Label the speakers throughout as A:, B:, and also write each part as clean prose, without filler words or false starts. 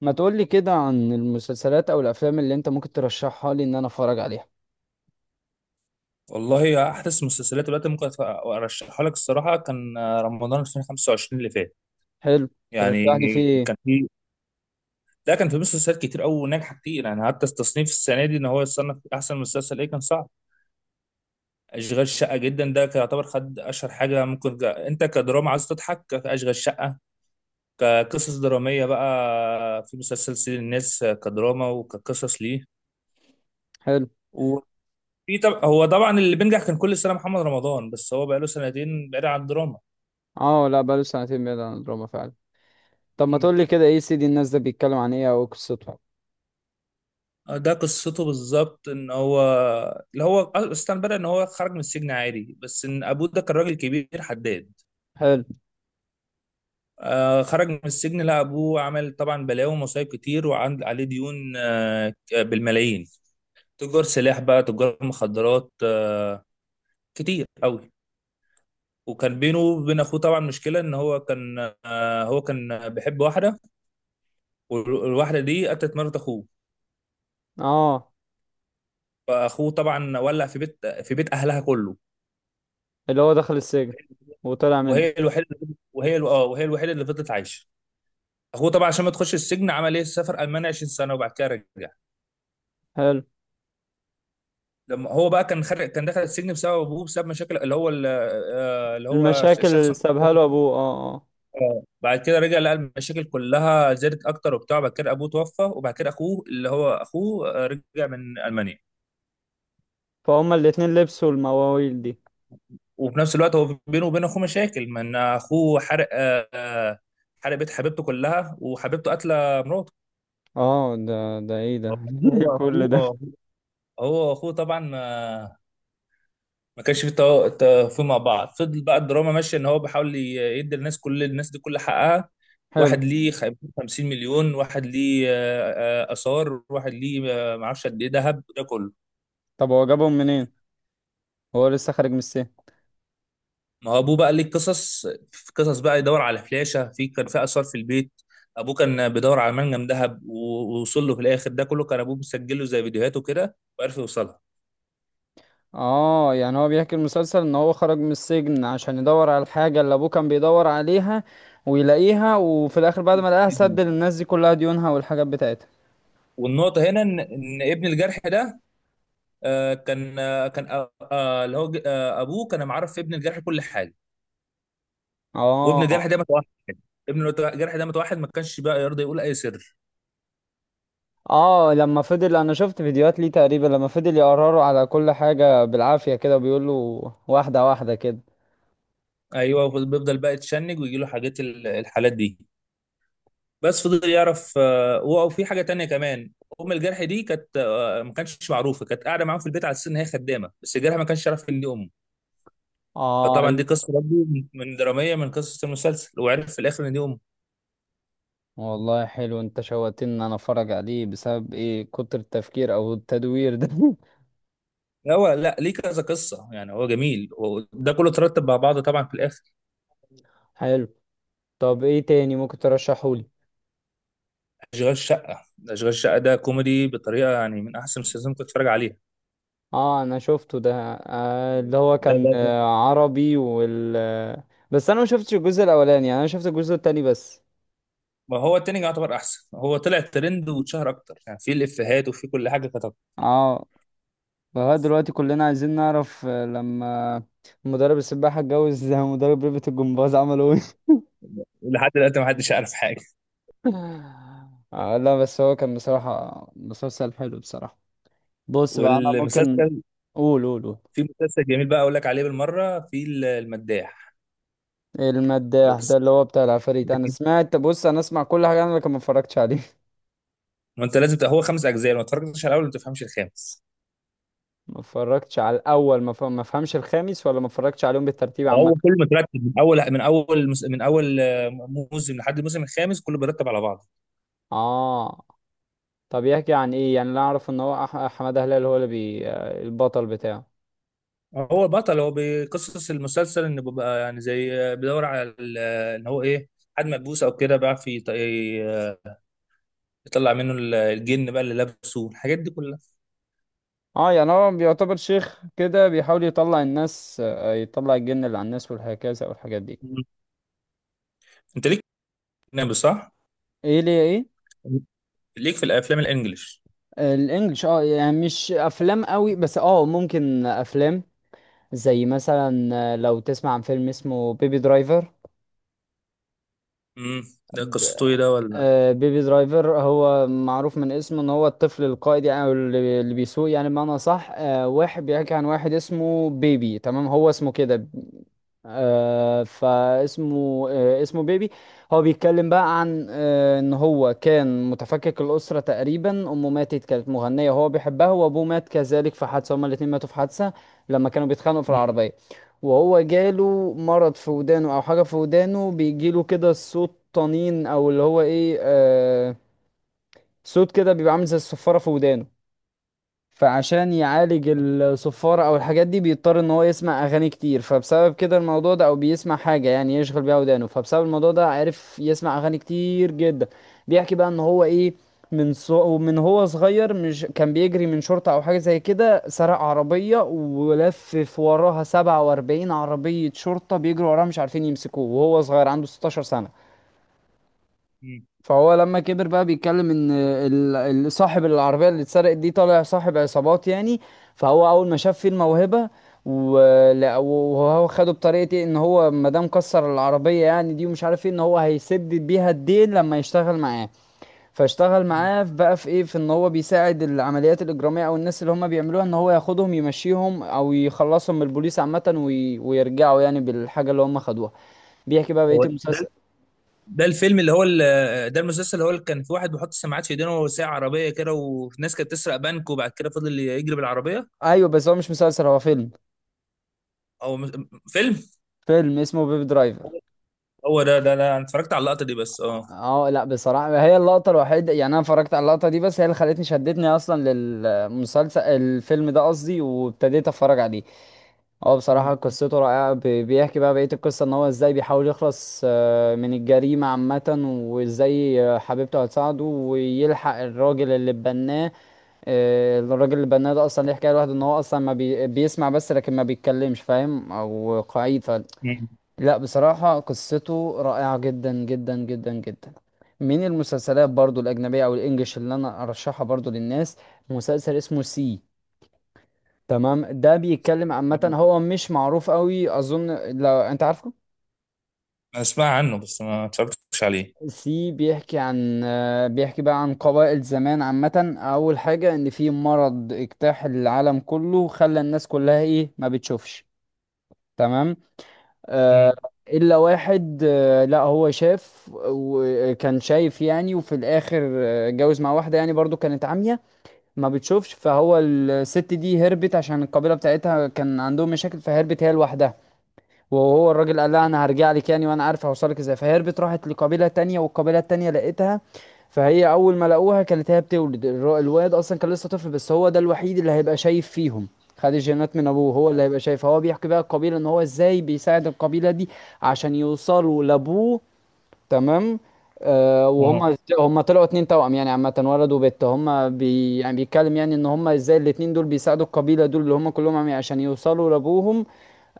A: ما تقولي كده عن المسلسلات او الافلام اللي انت ممكن ترشحها لي ان انا اتفرج عليها.
B: والله احدث مسلسلات دلوقتي ممكن ارشحها لك الصراحه كان رمضان 2025 اللي فات.
A: حلو.
B: يعني
A: ترشح لي في ايه؟
B: كان في ده كان في مسلسلات كتير قوي ناجحه كتير، يعني حتى التصنيف السنه دي ان هو يتصنف احسن مسلسل ايه كان صعب. اشغال شقه جدا ده كان يعتبر خد اشهر حاجه ممكن جا. انت كدراما عايز تضحك اشغال شقه، كقصص دراميه بقى في مسلسل سيد الناس كدراما وكقصص ليه.
A: حلو.
B: وفي طب، هو طبعا اللي بينجح كان كل سنه محمد رمضان، بس هو بقاله سنتين بعيد عن الدراما.
A: اه، لا بقاله سنتين بعيد عن الدراما فعلا. طب ما تقولي كده، ايه سيدي الناس ده بيتكلم عن ايه او إيه قصته؟
B: آه، ده قصته بالظبط ان هو اللي هو اصلا بدأ ان هو خرج من السجن عادي، بس ان ابوه ده كان راجل كبير حداد.
A: حلو.
B: خرج من السجن لقى ابوه عمل طبعا بلاوي ومصايب كتير، وعند عليه ديون بالملايين، تجار سلاح بقى تجار مخدرات كتير قوي. وكان بينه وبين اخوه طبعا مشكله، ان هو كان آه هو كان بيحب واحده، والواحده دي قتلت مرات اخوه،
A: اه
B: فاخوه طبعا ولع في بيت اهلها كله.
A: اللي هو دخل السجن وطلع منه.
B: وهي الوحيده وهي الوحيده اللي فضلت عايشه. هو طبعا عشان ما تخش السجن عمل ايه؟ سافر المانيا 20 سنه وبعد كده رجع.
A: حلو.
B: لما هو بقى كان خارج كان دخل السجن بسبب ابوه، بسبب مشاكل اللي هو ال- آه، اللي هو ش-
A: المشاكل اللي سابها له ابوه، اه اه.
B: بعد كده رجع لقى المشاكل كلها زادت اكتر وبتاع. بعد كده ابوه توفى، وبعد كده اخوه، اللي هو اخوه آه، رجع من المانيا.
A: فهم الاتنين لبسوا المواويل دي.
B: وفي نفس الوقت هو بينه وبين اخوه مشاكل، من اخوه حرق آه، آه، حرق بيت حبيبته كلها وحبيبته قاتله مراته.
A: اه، ده ايه ده؟
B: هو هو
A: كل
B: اخوه
A: ده!
B: آه، هو اخوه طبعا آه، ما كانش في توافق مع بعض. فضل بقى الدراما ماشيه ان هو بيحاول يدي الناس، كل الناس دي كل حقها.
A: حلو.
B: واحد ليه 50 مليون، واحد ليه اثار، واحد ليه ما اعرفش قد ايه ذهب ده كله.
A: طب هو جابهم منين؟ هو لسه خارج من السجن.
B: ما هو ابوه بقى ليه قصص، في قصص بقى يدور على فلاشه، في كان في اثار في البيت. ابوه كان بيدور على منجم ذهب ووصل له في الاخر. ده كله كان ابوه مسجله زي فيديوهاته كده، وعرف يوصلها.
A: اه يعني هو بيحكي المسلسل ان هو خرج من السجن عشان يدور على الحاجة اللي ابوه كان بيدور عليها، ويلاقيها وفي الاخر بعد ما لقاها سد للناس دي كلها ديونها والحاجات بتاعتها.
B: والنقطه هنا ان ابن الجرح ده آه، كان آه، كان آه، آه، اللي هو آه، ابوه كان معرف في ابن الجرح كل حاجه. وابن الجرح
A: اه.
B: ده متوحد، ما كانش بقى يرضى يقول اي سر.
A: اه لما فضل، انا شفت فيديوهات ليه تقريبا، لما فضل يقرروا على كل حاجة بالعافية كده بيقول له واحدة واحدة كده.
B: ايوه بيفضل بقى يتشنج ويجي له حاجات الحالات دي. بس فضل يعرف، وفي حاجه تانية كمان. ام الجرح دي كانت، ما كانتش معروفه، كانت قاعده معاهم في البيت على اساس ان هي خدامه، بس الجرح ما كانش يعرف ان دي امه.
A: اه
B: فطبعا دي قصه برضه من دراميه، من قصص المسلسل، وعرف في الاخر ان دي امه.
A: والله حلو، انت شوقتني ان انا اتفرج عليه بسبب ايه؟ كتر التفكير او التدوير ده
B: لا، هو لا ليه كذا قصه، يعني هو جميل، هو ده كله ترتب مع بعضه طبعا في الاخر.
A: حلو. طب ايه تاني ممكن ترشحولي؟
B: اشغال شقه، اشغال شقه ده كوميدي بطريقه، يعني من احسن المسلسلات اللي ممكن تتفرج عليها.
A: اه انا شفته ده. اللي هو
B: ده
A: كان
B: ده ده
A: عربي وال آه، بس انا ما شفتش الجزء الاولاني، يعني انا شفت الجزء التاني بس.
B: ما هو التاني يعتبر احسن، هو طلع ترند واتشهر اكتر، يعني في الافيهات وفي كل حاجه كتب.
A: اه لغايه دلوقتي كلنا عايزين نعرف لما مدرب السباحه اتجوز مدرب ريبة الجمباز عملوا ايه؟
B: لحد دلوقتي ما حدش يعرف حاجه.
A: آه لا، بس هو كان بصراحه مسلسل حلو بصراحه. بص بقى انا ممكن.
B: والمسلسل
A: قول قول قول.
B: في مسلسل جميل بقى اقول لك عليه بالمره، في المداح.
A: المداح ده
B: بس
A: اللي هو بتاع العفاريت، انا
B: لكن-
A: سمعت، بص انا اسمع كل حاجه انا لكن ما اتفرجتش عليه.
B: ما انت لازم هو 5 اجزاء، لو ما اتفرجتش على الاول ما تفهمش الخامس.
A: ما اتفرجتش على الاول ما فهمش الخامس، ولا ما اتفرجتش عليهم بالترتيب عامه؟
B: هو كله مترتب من اول موسم لحد الموسم الخامس، كله بيرتب على بعضه.
A: اه. طب يحكي عن ايه يعني؟ اللي اعرف ان هو حماده هلال هو اللي بي آه، البطل بتاعه.
B: هو بطل، هو بقصص المسلسل انه بيبقى يعني زي بيدور على ال- ان هو ايه حد ملبوس او كده، بيعرف يطلع منه الجن بقى اللي لابسه الحاجات دي كلها.
A: اه يعني هو بيعتبر شيخ كده بيحاول يطلع الناس يطلع الجن اللي على الناس والهكذا والحاجات دي.
B: مم. انت ليك في الاجنبي صح؟
A: ايه ليه ايه؟
B: ليك في الافلام الانجليش؟
A: الانجليش يعني مش افلام قوي، بس ممكن افلام زي مثلا، لو تسمع عن فيلم اسمه بيبي درايفر.
B: امم ده قصته ايه ده ولا؟
A: بيبي درايفر هو معروف من اسمه ان هو الطفل القائد، يعني او اللي بيسوق يعني بمعنى صح، واحد بيحكي عن واحد اسمه بيبي، تمام هو اسمه كده. فاسمه آه، اسمه بيبي. هو بيتكلم بقى عن ان هو كان متفكك الاسره، تقريبا امه ماتت كانت مغنيه وهو بيحبها، وابوه مات كذلك في حادثه، هما الاتنين ماتوا في حادثه لما كانوا بيتخانقوا في
B: مم.
A: العربيه. وهو جاله مرض في ودانه او حاجه في ودانه، بيجيله كده صوت طنين او اللي هو ايه، صوت كده بيبقى عامل زي الصفاره في ودانه. فعشان يعالج الصفارة او الحاجات دي بيضطر ان هو يسمع اغاني كتير، فبسبب كده الموضوع ده او بيسمع حاجة يعني يشغل بيها ودانه، فبسبب الموضوع ده عرف يسمع اغاني كتير جدا. بيحكي بقى ان هو ايه، من هو صغير، مش كان بيجري من شرطة او حاجة زي كده، سرق عربية ولفف وراها 47 عربية شرطة بيجروا وراها مش عارفين يمسكوه، وهو صغير عنده 16 سنة.
B: مم.
A: فهو لما كبر بقى بيتكلم ان صاحب العربيه اللي اتسرقت دي طالع صاحب عصابات يعني. فهو اول ما شاف فيه الموهبه، وهو خده بطريقه إيه؟ ان هو ما دام كسر العربيه يعني دي ومش عارف ايه، ان هو هيسدد بيها الدين لما يشتغل معاه. فاشتغل
B: مم.
A: معاه بقى في ايه، في ان هو بيساعد العمليات الاجراميه او الناس اللي هم بيعملوها، ان هو ياخدهم يمشيهم او يخلصهم من البوليس عامه، ويرجعوا يعني بالحاجه اللي هم خدوها. بيحكي بقى بقيه
B: هو ده
A: المسلسل.
B: ده الفيلم اللي هو ال- ده المسلسل اللي هو اللي كان في واحد بيحط سماعات في ايدينه وساعة عربية كده، والناس كانت تسرق بنك وبعد كده فضل يجري بالعربية.
A: ايوه بس هو مش مسلسل هو فيلم،
B: او فيلم.
A: فيلم اسمه بيب درايفر.
B: هو ده انا اتفرجت على اللقطة دي بس
A: اه لا بصراحة هي اللقطة الوحيدة، يعني انا اتفرجت على اللقطة دي بس، هي اللي خلتني شدتني اصلا للمسلسل، الفيلم ده قصدي، وابتديت اتفرج عليه. هو
B: مم.
A: بصراحة قصته رائعة، بيحكي بقى بقية القصة ان هو ازاي بيحاول يخلص من الجريمة عامة. وازاي حبيبته هتساعده ويلحق الراجل اللي بناه. الراجل اللي بناه ده اصلا ليه حكاية لوحده، ان هو اصلا ما بي... بيسمع بس لكن ما بيتكلمش، فاهم او قعيد.
B: مم.
A: لا بصراحة قصته رائعة جدا جدا جدا جدا. من المسلسلات برضو الأجنبية أو الإنجليش اللي أنا أرشحها برضو للناس، مسلسل اسمه سي. تمام، ده بيتكلم عامة،
B: أنا
A: هو مش معروف قوي أظن، لو أنت عارفه.
B: أسمع عنه بس ما اتفرجتش عليه.
A: سي بيحكي عن آه، بيحكي بقى عن قبائل زمان عامة. أول حاجة، إن في مرض اجتاح العالم كله، خلى الناس كلها إيه ما بتشوفش، تمام. آه،
B: مم.
A: الا واحد، لا هو شاف وكان شايف يعني، وفي الاخر اتجوز مع واحده يعني برضو كانت عمية ما بتشوفش. فهو الست دي هربت عشان القبيله بتاعتها كان عندهم مشاكل، فهربت هي لوحدها. وهو الراجل قال لها انا هرجع لك يعني وانا عارف هوصلك ازاي، فهربت راحت لقبيله تانية والقبيله التانية لقيتها. فهي اول ما لقوها كانت هي بتولد، الواد اصلا كان لسه طفل، بس هو ده الوحيد اللي هيبقى شايف فيهم. خد الجينات من ابوه، هو اللي هيبقى شايف، هو بيحكي بقى القبيله ان هو ازاي بيساعد القبيله دي عشان يوصلوا لابوه، تمام. آه
B: اه.
A: وهم طلعوا اتنين توأم يعني عامة، ولد وبنت، هم بي يعني بيتكلم يعني ان هم ازاي الاتنين دول بيساعدوا القبيلة دول اللي هم كلهم عشان يوصلوا لابوهم.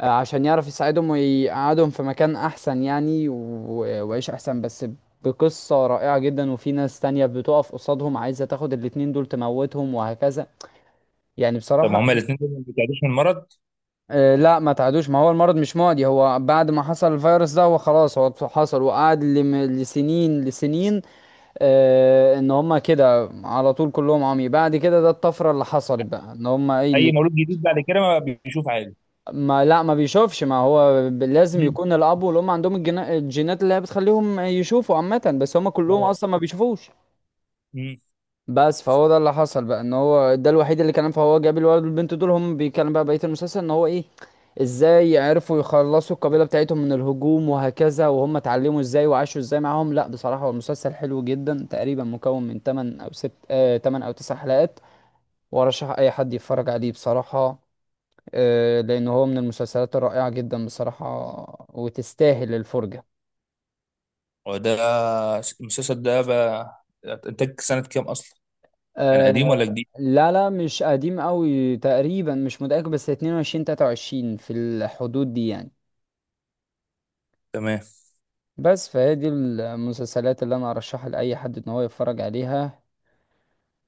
A: عشان يعرف يساعدهم ويقعدهم في مكان احسن يعني، ويعيش احسن بس. بقصة رائعة جدا، وفي ناس تانية بتقف قصادهم عايزة تاخد الاتنين دول تموتهم وهكذا، يعني
B: طب
A: بصراحة.
B: هما الاثنين دول ما بيتعدوش من المرض؟
A: لا ما تعدوش، ما هو المرض مش معدي، هو بعد ما حصل الفيروس ده هو خلاص هو حصل وقعد لسنين لسنين. ان هما كده على طول كلهم عمي، بعد كده ده الطفرة اللي حصلت بقى ان هما ايه
B: أي
A: اللي.
B: مولود جديد بعد كده ما بيشوف عادي.
A: ما لا ما بيشوفش، ما هو لازم
B: مم.
A: يكون الاب والام عندهم الجينات اللي هي بتخليهم يشوفوا عامه، بس هم كلهم
B: اه.
A: اصلا ما بيشوفوش.
B: مم.
A: بس فهو ده اللي حصل بقى، ان هو ده الوحيد اللي كان، فهو جاب الولد والبنت دول، هم بيتكلم بقى بقيه المسلسل ان هو ايه، ازاي عرفوا يخلصوا القبيله بتاعتهم من الهجوم وهكذا، وهم اتعلموا ازاي وعاشوا ازاي معاهم. لا بصراحه هو المسلسل حلو جدا، تقريبا مكون من 8 او 6، 8 او 9 حلقات. وارشح اي حد يتفرج عليه بصراحه، لأن هو من المسلسلات الرائعة جدا بصراحة، وتستاهل الفرجة.
B: هو ده المسلسل ده بقى إنتاج سنة كام أصلا؟ كان قديم
A: آه،
B: ولا جديد؟
A: لا لا مش قديم قوي، تقريبا مش متأكد، بس 22 23 في الحدود دي يعني.
B: تمام.
A: بس فهي دي المسلسلات اللي أنا أرشحها لأي حد إن هو يتفرج عليها.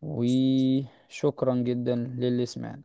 A: وشكرا جدا للي سمعنا.